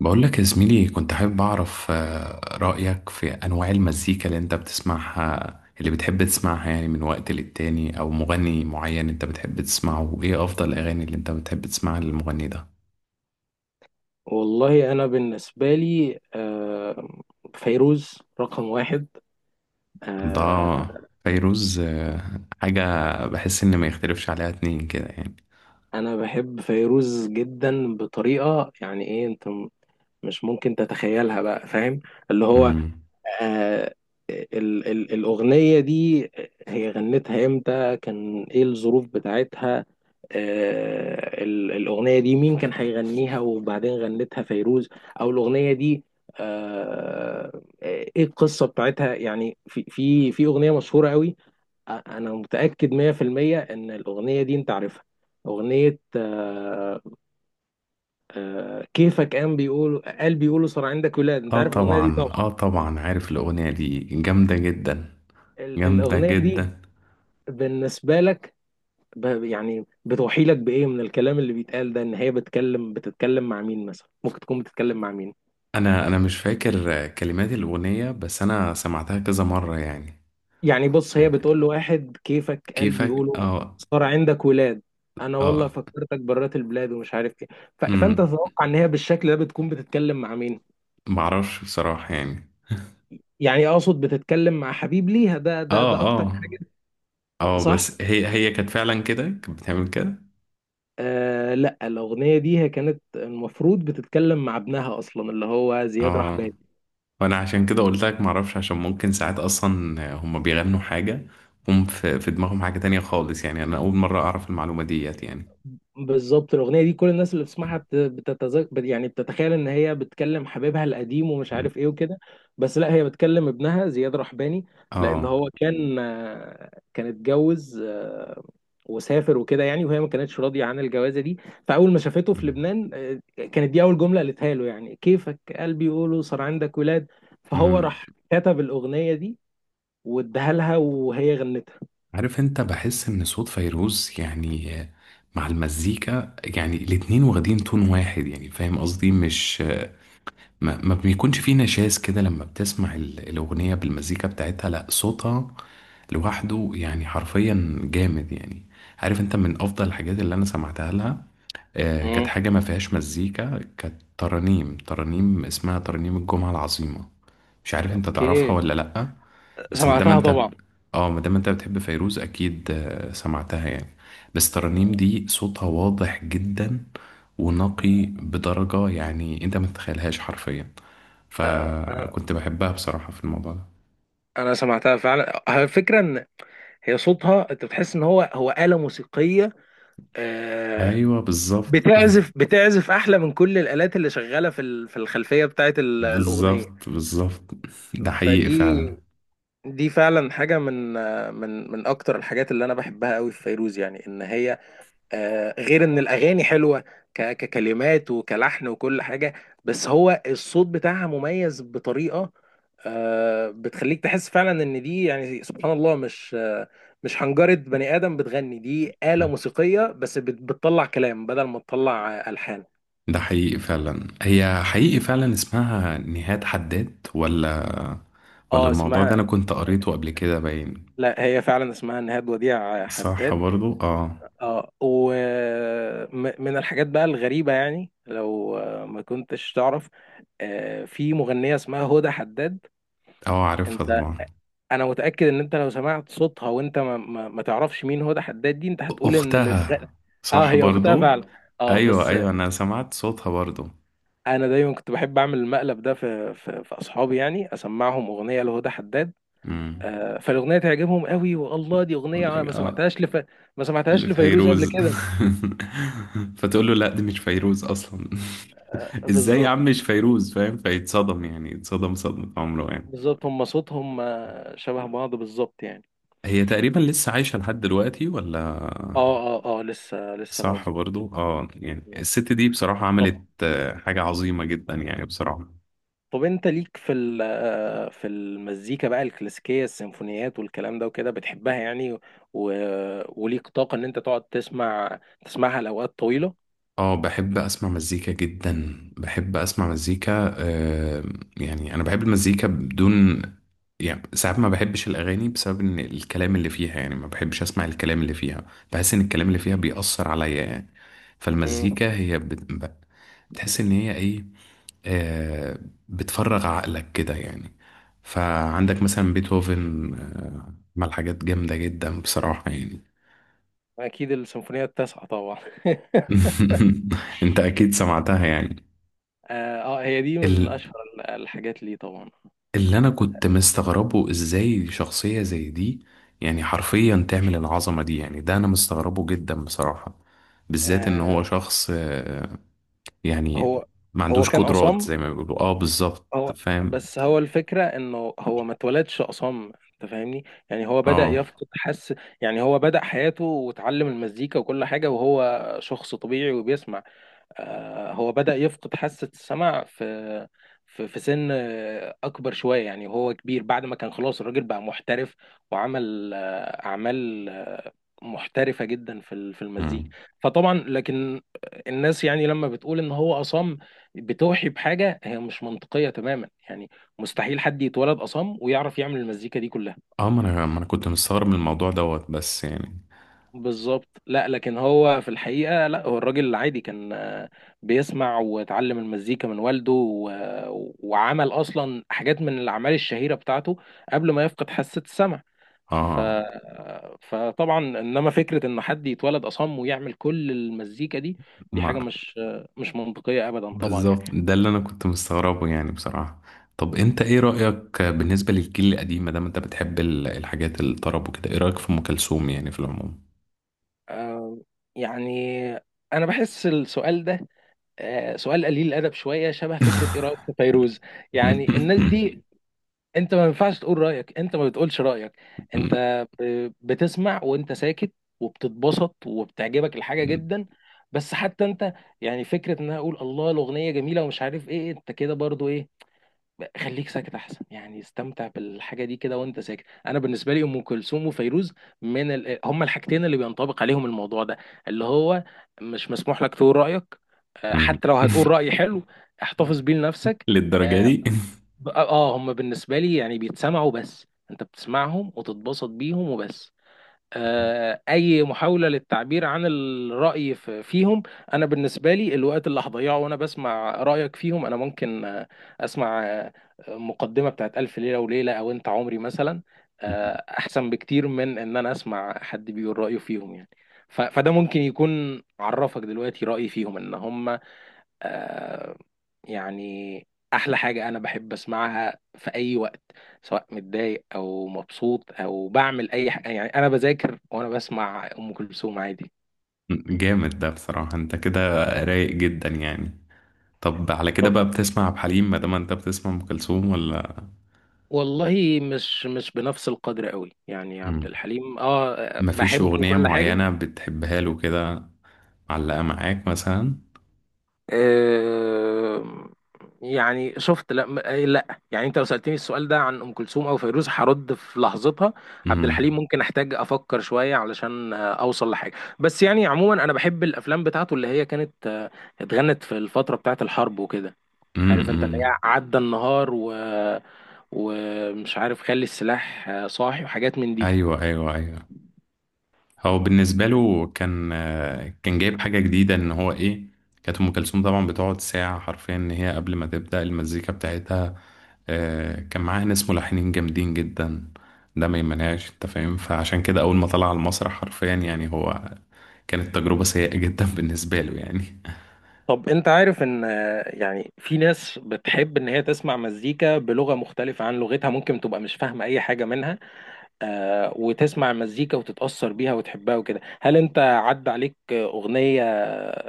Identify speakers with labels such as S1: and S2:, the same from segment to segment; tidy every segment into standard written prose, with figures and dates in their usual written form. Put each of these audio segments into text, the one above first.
S1: بقول لك يا زميلي، كنت حابب أعرف رأيك في أنواع المزيكا اللي أنت بتسمعها، اللي بتحب تسمعها، يعني من وقت للتاني، أو مغني معين أنت بتحب تسمعه، وإيه أفضل الأغاني اللي أنت بتحب تسمعها للمغني ده؟
S2: والله أنا بالنسبة لي فيروز رقم واحد.
S1: ده
S2: آه،
S1: فيروز. حاجة بحس إن ما يختلفش عليها اتنين كده يعني.
S2: أنا بحب فيروز جدا بطريقة يعني إيه، أنت مش ممكن تتخيلها بقى، فاهم؟ اللي هو
S1: مم.
S2: آه، ال ال الأغنية دي هي غنتها امتى، كان ايه الظروف بتاعتها؟ الأغنية دي مين كان هيغنيها وبعدين غنتها فيروز؟ أو الأغنية دي ايه القصة بتاعتها يعني؟ في في في أغنية مشهورة قوي، أنا متأكد 100% إن الأغنية دي أنت عارفها. أغنية كيفك، قام بيقولوا، قال بيقولوا صار عندك ولاد. أنت
S1: آه
S2: عارف الأغنية دي
S1: طبعا،
S2: طبعا.
S1: آه طبعا، عارف الأغنية دي، جامدة جدا، جامدة
S2: الأغنية دي
S1: جدا.
S2: بالنسبة لك، يعني بتوحي لك بإيه من الكلام اللي بيتقال ده؟ إن هي بتتكلم مع مين مثلا، ممكن تكون بتتكلم مع مين؟
S1: انا مش فاكر كلمات الاغنيه، بس انا سمعتها كذا مره يعني.
S2: يعني بص، هي
S1: يعني
S2: بتقول له واحد: كيفك قلبي،
S1: كيفك،
S2: يقوله
S1: اه.
S2: صار عندك ولاد، أنا والله
S1: اه.
S2: فكرتك برات البلاد ومش عارف إيه. فأنت
S1: امم
S2: تتوقع إن هي بالشكل ده بتكون بتتكلم مع مين؟
S1: معرفش بصراحة يعني.
S2: يعني أقصد بتتكلم مع حبيب ليها ده ده
S1: اه،
S2: ده أكتر،
S1: اه، اه،
S2: صح؟
S1: بس هي كانت فعلا كده، كانت بتعمل كده.
S2: لا، الأغنية دي هي كانت المفروض بتتكلم مع ابنها أصلا، اللي هو زياد
S1: اه.
S2: رحباني.
S1: وانا عشان كده قلت لك معرفش، عشان ممكن ساعات اصلا هم بيغنوا حاجة، هم في دماغهم حاجة تانية خالص يعني. انا اول مرة اعرف المعلومة ديت يعني.
S2: بالظبط، الاغنيه دي كل الناس اللي بتسمعها بتتذكر، يعني بتتخيل ان هي بتكلم حبيبها القديم ومش
S1: أمم.
S2: عارف ايه وكده. بس لا، هي بتكلم ابنها زياد رحباني. لان
S1: اه.
S2: هو كان كان اتجوز وسافر وكده يعني، وهي ما كانتش راضيه عن الجوازه دي. فاول ما شافته في
S1: أمم.
S2: لبنان كانت دي اول جمله قالتها له، يعني كيفك قلبي، يقوله صار عندك ولاد. فهو
S1: أمم.
S2: راح كتب الاغنيه دي واداها لها وهي غنتها.
S1: عارف انت، بحس ان صوت فيروز، يعني مع المزيكا، يعني الاتنين واخدين تون واحد، يعني فاهم قصدي؟ مش ما بيكونش فيه نشاز كده لما بتسمع الأغنية بالمزيكا بتاعتها، لا صوتها لوحده يعني حرفيا جامد يعني. عارف انت، من أفضل الحاجات اللي أنا سمعتها لها، كانت
S2: امم.
S1: حاجة ما فيهاش مزيكا، كانت ترانيم، ترانيم اسمها ترانيم الجمعة العظيمة. مش عارف انت تعرفها
S2: اوكي.
S1: ولا لأ؟ بس ما دام
S2: سمعتها
S1: انت،
S2: طبعا.
S1: اه، ما دام انت بتحب فيروز، أكيد سمعتها يعني. بس ترانيم دي صوتها واضح جدا ونقي بدرجة، يعني انت ما تتخيلهاش حرفيا.
S2: آه،
S1: فكنت بحبها بصراحة في الموضوع ده.
S2: انا سمعتها فعلا. على فكره، ان هي صوتها انت بتحس ان هو آلة موسيقيه، آه،
S1: أيوه بالظبط.
S2: بتعزف احلى من كل الآلات اللي شغاله في في الخلفيه بتاعت الاغنيه.
S1: بالظبط بالظبط. ده حقيقي
S2: فدي
S1: فعلا.
S2: دي فعلا حاجه من من اكتر الحاجات اللي انا بحبها قوي في فيروز. يعني ان هي غير ان الاغاني حلوه ككلمات وكلحن وكل حاجه، بس هو الصوت بتاعها مميز بطريقه بتخليك تحس فعلا ان دي، يعني سبحان الله، مش مش حنجره بني ادم بتغني، دي آلة موسيقيه بس بتطلع كلام بدل ما تطلع الحان.
S1: ده حقيقي فعلا، هي حقيقي فعلا اسمها نهاد حداد، ولا ولا
S2: اه،
S1: الموضوع ده أنا
S2: اسمها.
S1: كنت قريته قبل كده، باين.
S2: لا، هي فعلا اسمها نهاد وديع
S1: صح
S2: حداد.
S1: برضو، اه.
S2: اه، ومن الحاجات بقى الغريبه، يعني لو ما كنتش تعرف، في مغنيه اسمها هدى حداد.
S1: اه، عارفها
S2: انت،
S1: طبعا.
S2: انا متاكد ان انت لو سمعت صوتها وانت ما تعرفش مين هدى حداد دي، انت هتقول ان اللي
S1: أختها.
S2: بتغني، اه،
S1: صح
S2: هي اختها
S1: برضو.
S2: فعلا. اه
S1: أيوه
S2: بس،
S1: أيوه، أنا سمعت صوتها برضو.
S2: انا دايما كنت بحب اعمل المقلب ده في في اصحابي، يعني اسمعهم اغنيه لهدى حداد،
S1: امم.
S2: فالاغنيه تعجبهم قوي. والله دي اغنيه، ما سمعتهاش لفيروز قبل
S1: لفيروز.
S2: كده.
S1: فتقول له لا دي مش فيروز اصلا. ازاي يا عم
S2: بالظبط
S1: مش فيروز، فاهم، فيتصدم يعني، يتصدم صدمة عمره يعني.
S2: بالظبط، هم صوتهم شبه بعض بالظبط يعني.
S1: هي تقريبا لسه عايشة لحد دلوقتي، ولا؟
S2: اه اه اه، لسه لسه
S1: صح
S2: موجود.
S1: برضو، اه. يعني الست دي بصراحة
S2: طب
S1: عملت حاجة عظيمة جدا يعني، بصراحة.
S2: طب، انت ليك في في المزيكا بقى الكلاسيكيه، السيمفونيات والكلام ده وكده، بتحبها يعني؟ و... وليك طاقه ان انت تقعد تسمعها لاوقات طويله؟
S1: اه بحب اسمع مزيكا جدا، بحب اسمع مزيكا. يعني انا بحب المزيكا بدون، يعني ساعات ما بحبش الأغاني، بسبب إن الكلام اللي فيها، يعني ما بحبش أسمع الكلام اللي فيها. بحس إن الكلام اللي فيها بيأثر عليا يعني.
S2: امم.
S1: فالمزيكا هي بتحس إن هي إيه، آه بتفرغ عقلك كده يعني. فعندك مثلا بيتهوفن عمل حاجات جامدة جدا بصراحة يعني.
S2: اكيد، السيمفونيه التاسعه طبعا.
S1: أنت أكيد سمعتها يعني.
S2: اه، هي دي من اشهر الحاجات ليه طبعا.
S1: اللي انا كنت مستغربه، ازاي شخصية زي دي يعني حرفيا تعمل العظمة دي يعني، ده انا مستغربه جدا بصراحة، بالذات ان
S2: آه
S1: هو شخص. يعني
S2: هو
S1: ما
S2: هو
S1: عندوش
S2: كان
S1: قدرات
S2: اصم.
S1: زي ما بيقولوا، اه بالظبط.
S2: هو،
S1: فاهم.
S2: بس هو الفكرة، انه هو ما اتولدش أصم، انت فاهمني؟ يعني هو بدأ
S1: اه.
S2: يفقد حس. يعني هو بدأ حياته وتعلم المزيكا وكل حاجة وهو شخص طبيعي وبيسمع. هو بدأ يفقد حاسة السمع في في سن أكبر شوية يعني، وهو كبير، بعد ما كان خلاص الراجل بقى محترف وعمل أعمال محترفة جدا في في المزيكا.
S1: مم.
S2: فطبعا لكن الناس، يعني لما بتقول إن هو أصم، بتوحي بحاجة هي مش منطقية تماما يعني. مستحيل حد يتولد أصم ويعرف يعمل المزيكا دي كلها.
S1: اه، ما انا كنت مستغرب من الموضوع دوت، بس يعني.
S2: بالظبط، لا لكن هو في الحقيقة، لا هو الراجل العادي كان بيسمع وتعلم المزيكا من والده وعمل أصلا حاجات من الأعمال الشهيرة بتاعته قبل ما يفقد حاسة السمع. ف...
S1: اه.
S2: فطبعا، إنما فكرة إن حد يتولد أصم ويعمل كل المزيكا دي، دي حاجة
S1: ما.
S2: مش مش منطقية أبدا طبعا يعني.
S1: بالظبط، ده اللي انا كنت مستغربه يعني بصراحة. طب انت ايه رأيك بالنسبة للجيل القديم، ما دام انت بتحب الحاجات الطرب وكده، ايه رأيك في ام كلثوم يعني في العموم؟
S2: آه، يعني أنا بحس السؤال ده سؤال قليل الأدب شوية، شبه فكرة إيه رأيك في فيروز. يعني الناس دي انت ما ينفعش تقول رايك، انت ما بتقولش رايك، انت بتسمع وانت ساكت وبتتبسط وبتعجبك الحاجه جدا. بس حتى انت يعني، فكره ان انا اقول الله الاغنيه جميله ومش عارف ايه، انت كده برضو ايه. خليك ساكت احسن، يعني استمتع بالحاجه دي كده وانت ساكت. انا بالنسبه لي ام كلثوم وفيروز هما الحاجتين اللي بينطبق عليهم الموضوع ده، اللي هو مش مسموح لك تقول رايك، اه، حتى لو هتقول راي حلو، احتفظ بيه لنفسك.
S1: للدرجة
S2: آه،
S1: دي؟
S2: هم بالنسبه لي يعني بيتسمعوا بس، انت بتسمعهم وتتبسط بيهم وبس. اي محاوله للتعبير عن الراي فيهم، انا بالنسبه لي الوقت اللي هضيعه وانا بسمع رايك فيهم، انا ممكن اسمع مقدمه بتاعت الف ليله وليله، او انت عمري مثلا، آه احسن بكتير من ان انا اسمع حد بيقول رايه فيهم يعني. فده ممكن يكون عرفك دلوقتي رايي فيهم، ان هم آه، يعني احلى حاجة انا بحب اسمعها في اي وقت، سواء متضايق او مبسوط او بعمل اي حاجة يعني. انا بذاكر وانا بسمع ام كلثوم عادي.
S1: جامد ده بصراحة، انت كده رايق جدا يعني. طب على كده بقى
S2: طب،
S1: بتسمع عبد الحليم، ما دام انت بتسمع ام كلثوم، ولا؟
S2: والله مش بنفس القدر قوي يعني. عبد
S1: مم.
S2: الحليم اه،
S1: مفيش
S2: بحبه
S1: أغنية
S2: وكل حاجة.
S1: معينة بتحبها له كده، معلقة معاك مثلا؟
S2: آه، يعني شفت، لا لا يعني، انت لو سألتني السؤال ده عن ام كلثوم او فيروز هرد في لحظتها. عبد
S1: مم.
S2: الحليم ممكن احتاج افكر شوية علشان اوصل لحاجة. بس يعني عموما، انا بحب الافلام بتاعته، اللي هي كانت اتغنت في الفترة بتاعت الحرب وكده.
S1: مم.
S2: عارف انت، اللي
S1: مم.
S2: هي عدى النهار، ومش عارف خلي السلاح صاحي، وحاجات من دي.
S1: ايوه ايوه ايوه. هو بالنسبة له كان جايب حاجة جديدة، ان هو ايه، كانت ام كلثوم طبعا بتقعد ساعة حرفيا، ان هي قبل ما تبدأ المزيكا بتاعتها، كان معاه ناس ملحنين جامدين جدا. ده ما يمنعش، انت فاهم، فعشان كده اول ما طلع على المسرح حرفيا يعني هو، كانت تجربة سيئة جدا بالنسبة له يعني.
S2: طب انت عارف ان يعني في ناس بتحب ان هي تسمع مزيكا بلغة مختلفة عن لغتها، ممكن تبقى مش فاهمة اي حاجة منها، وتسمع مزيكا وتتأثر بيها وتحبها وكده. هل انت عدى عليك اغنية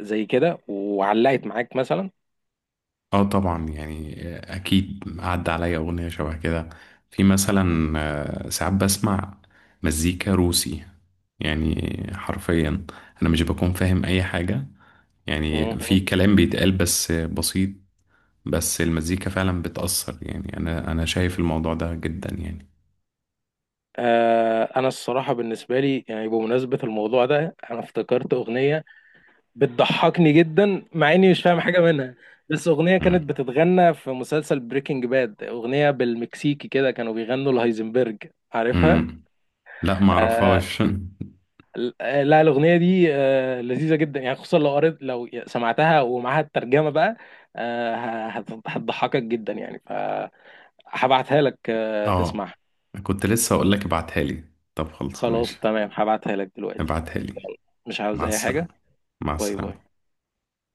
S2: زي كده وعلقت معاك مثلا؟
S1: اه طبعا، يعني اكيد عدى عليا اغنية شبه كده. في مثلا ساعات بسمع مزيكا روسي، يعني حرفيا انا مش بكون فاهم اي حاجة، يعني في
S2: مهم.
S1: كلام بيتقال بس بسيط. بس المزيكا فعلا بتأثر، يعني انا شايف الموضوع ده جدا يعني.
S2: انا الصراحة بالنسبة لي، يعني بمناسبة الموضوع ده، انا افتكرت اغنية بتضحكني جدا مع اني مش فاهم حاجه منها. بس اغنيه كانت بتتغنى في مسلسل بريكنج باد، اغنيه بالمكسيكي كده، كانوا بيغنوا الهايزنبرج، عارفها؟
S1: امم. لا ما
S2: آه
S1: اعرفهاش.
S2: لا، الاغنيه دي لذيذه جدا يعني، خصوصا لو سمعتها ومعاها الترجمه بقى، هتضحكك جدا يعني. فهبعتها لك
S1: اه.
S2: تسمعها.
S1: كنت لسه اقول لك ابعتها لي، طب خلص
S2: خلاص
S1: ماشي.
S2: تمام، هبعتها لك دلوقتي.
S1: ابعتها لي.
S2: مش عاوز
S1: مع
S2: اي حاجه.
S1: السلامة. مع
S2: باي باي.
S1: السلامة.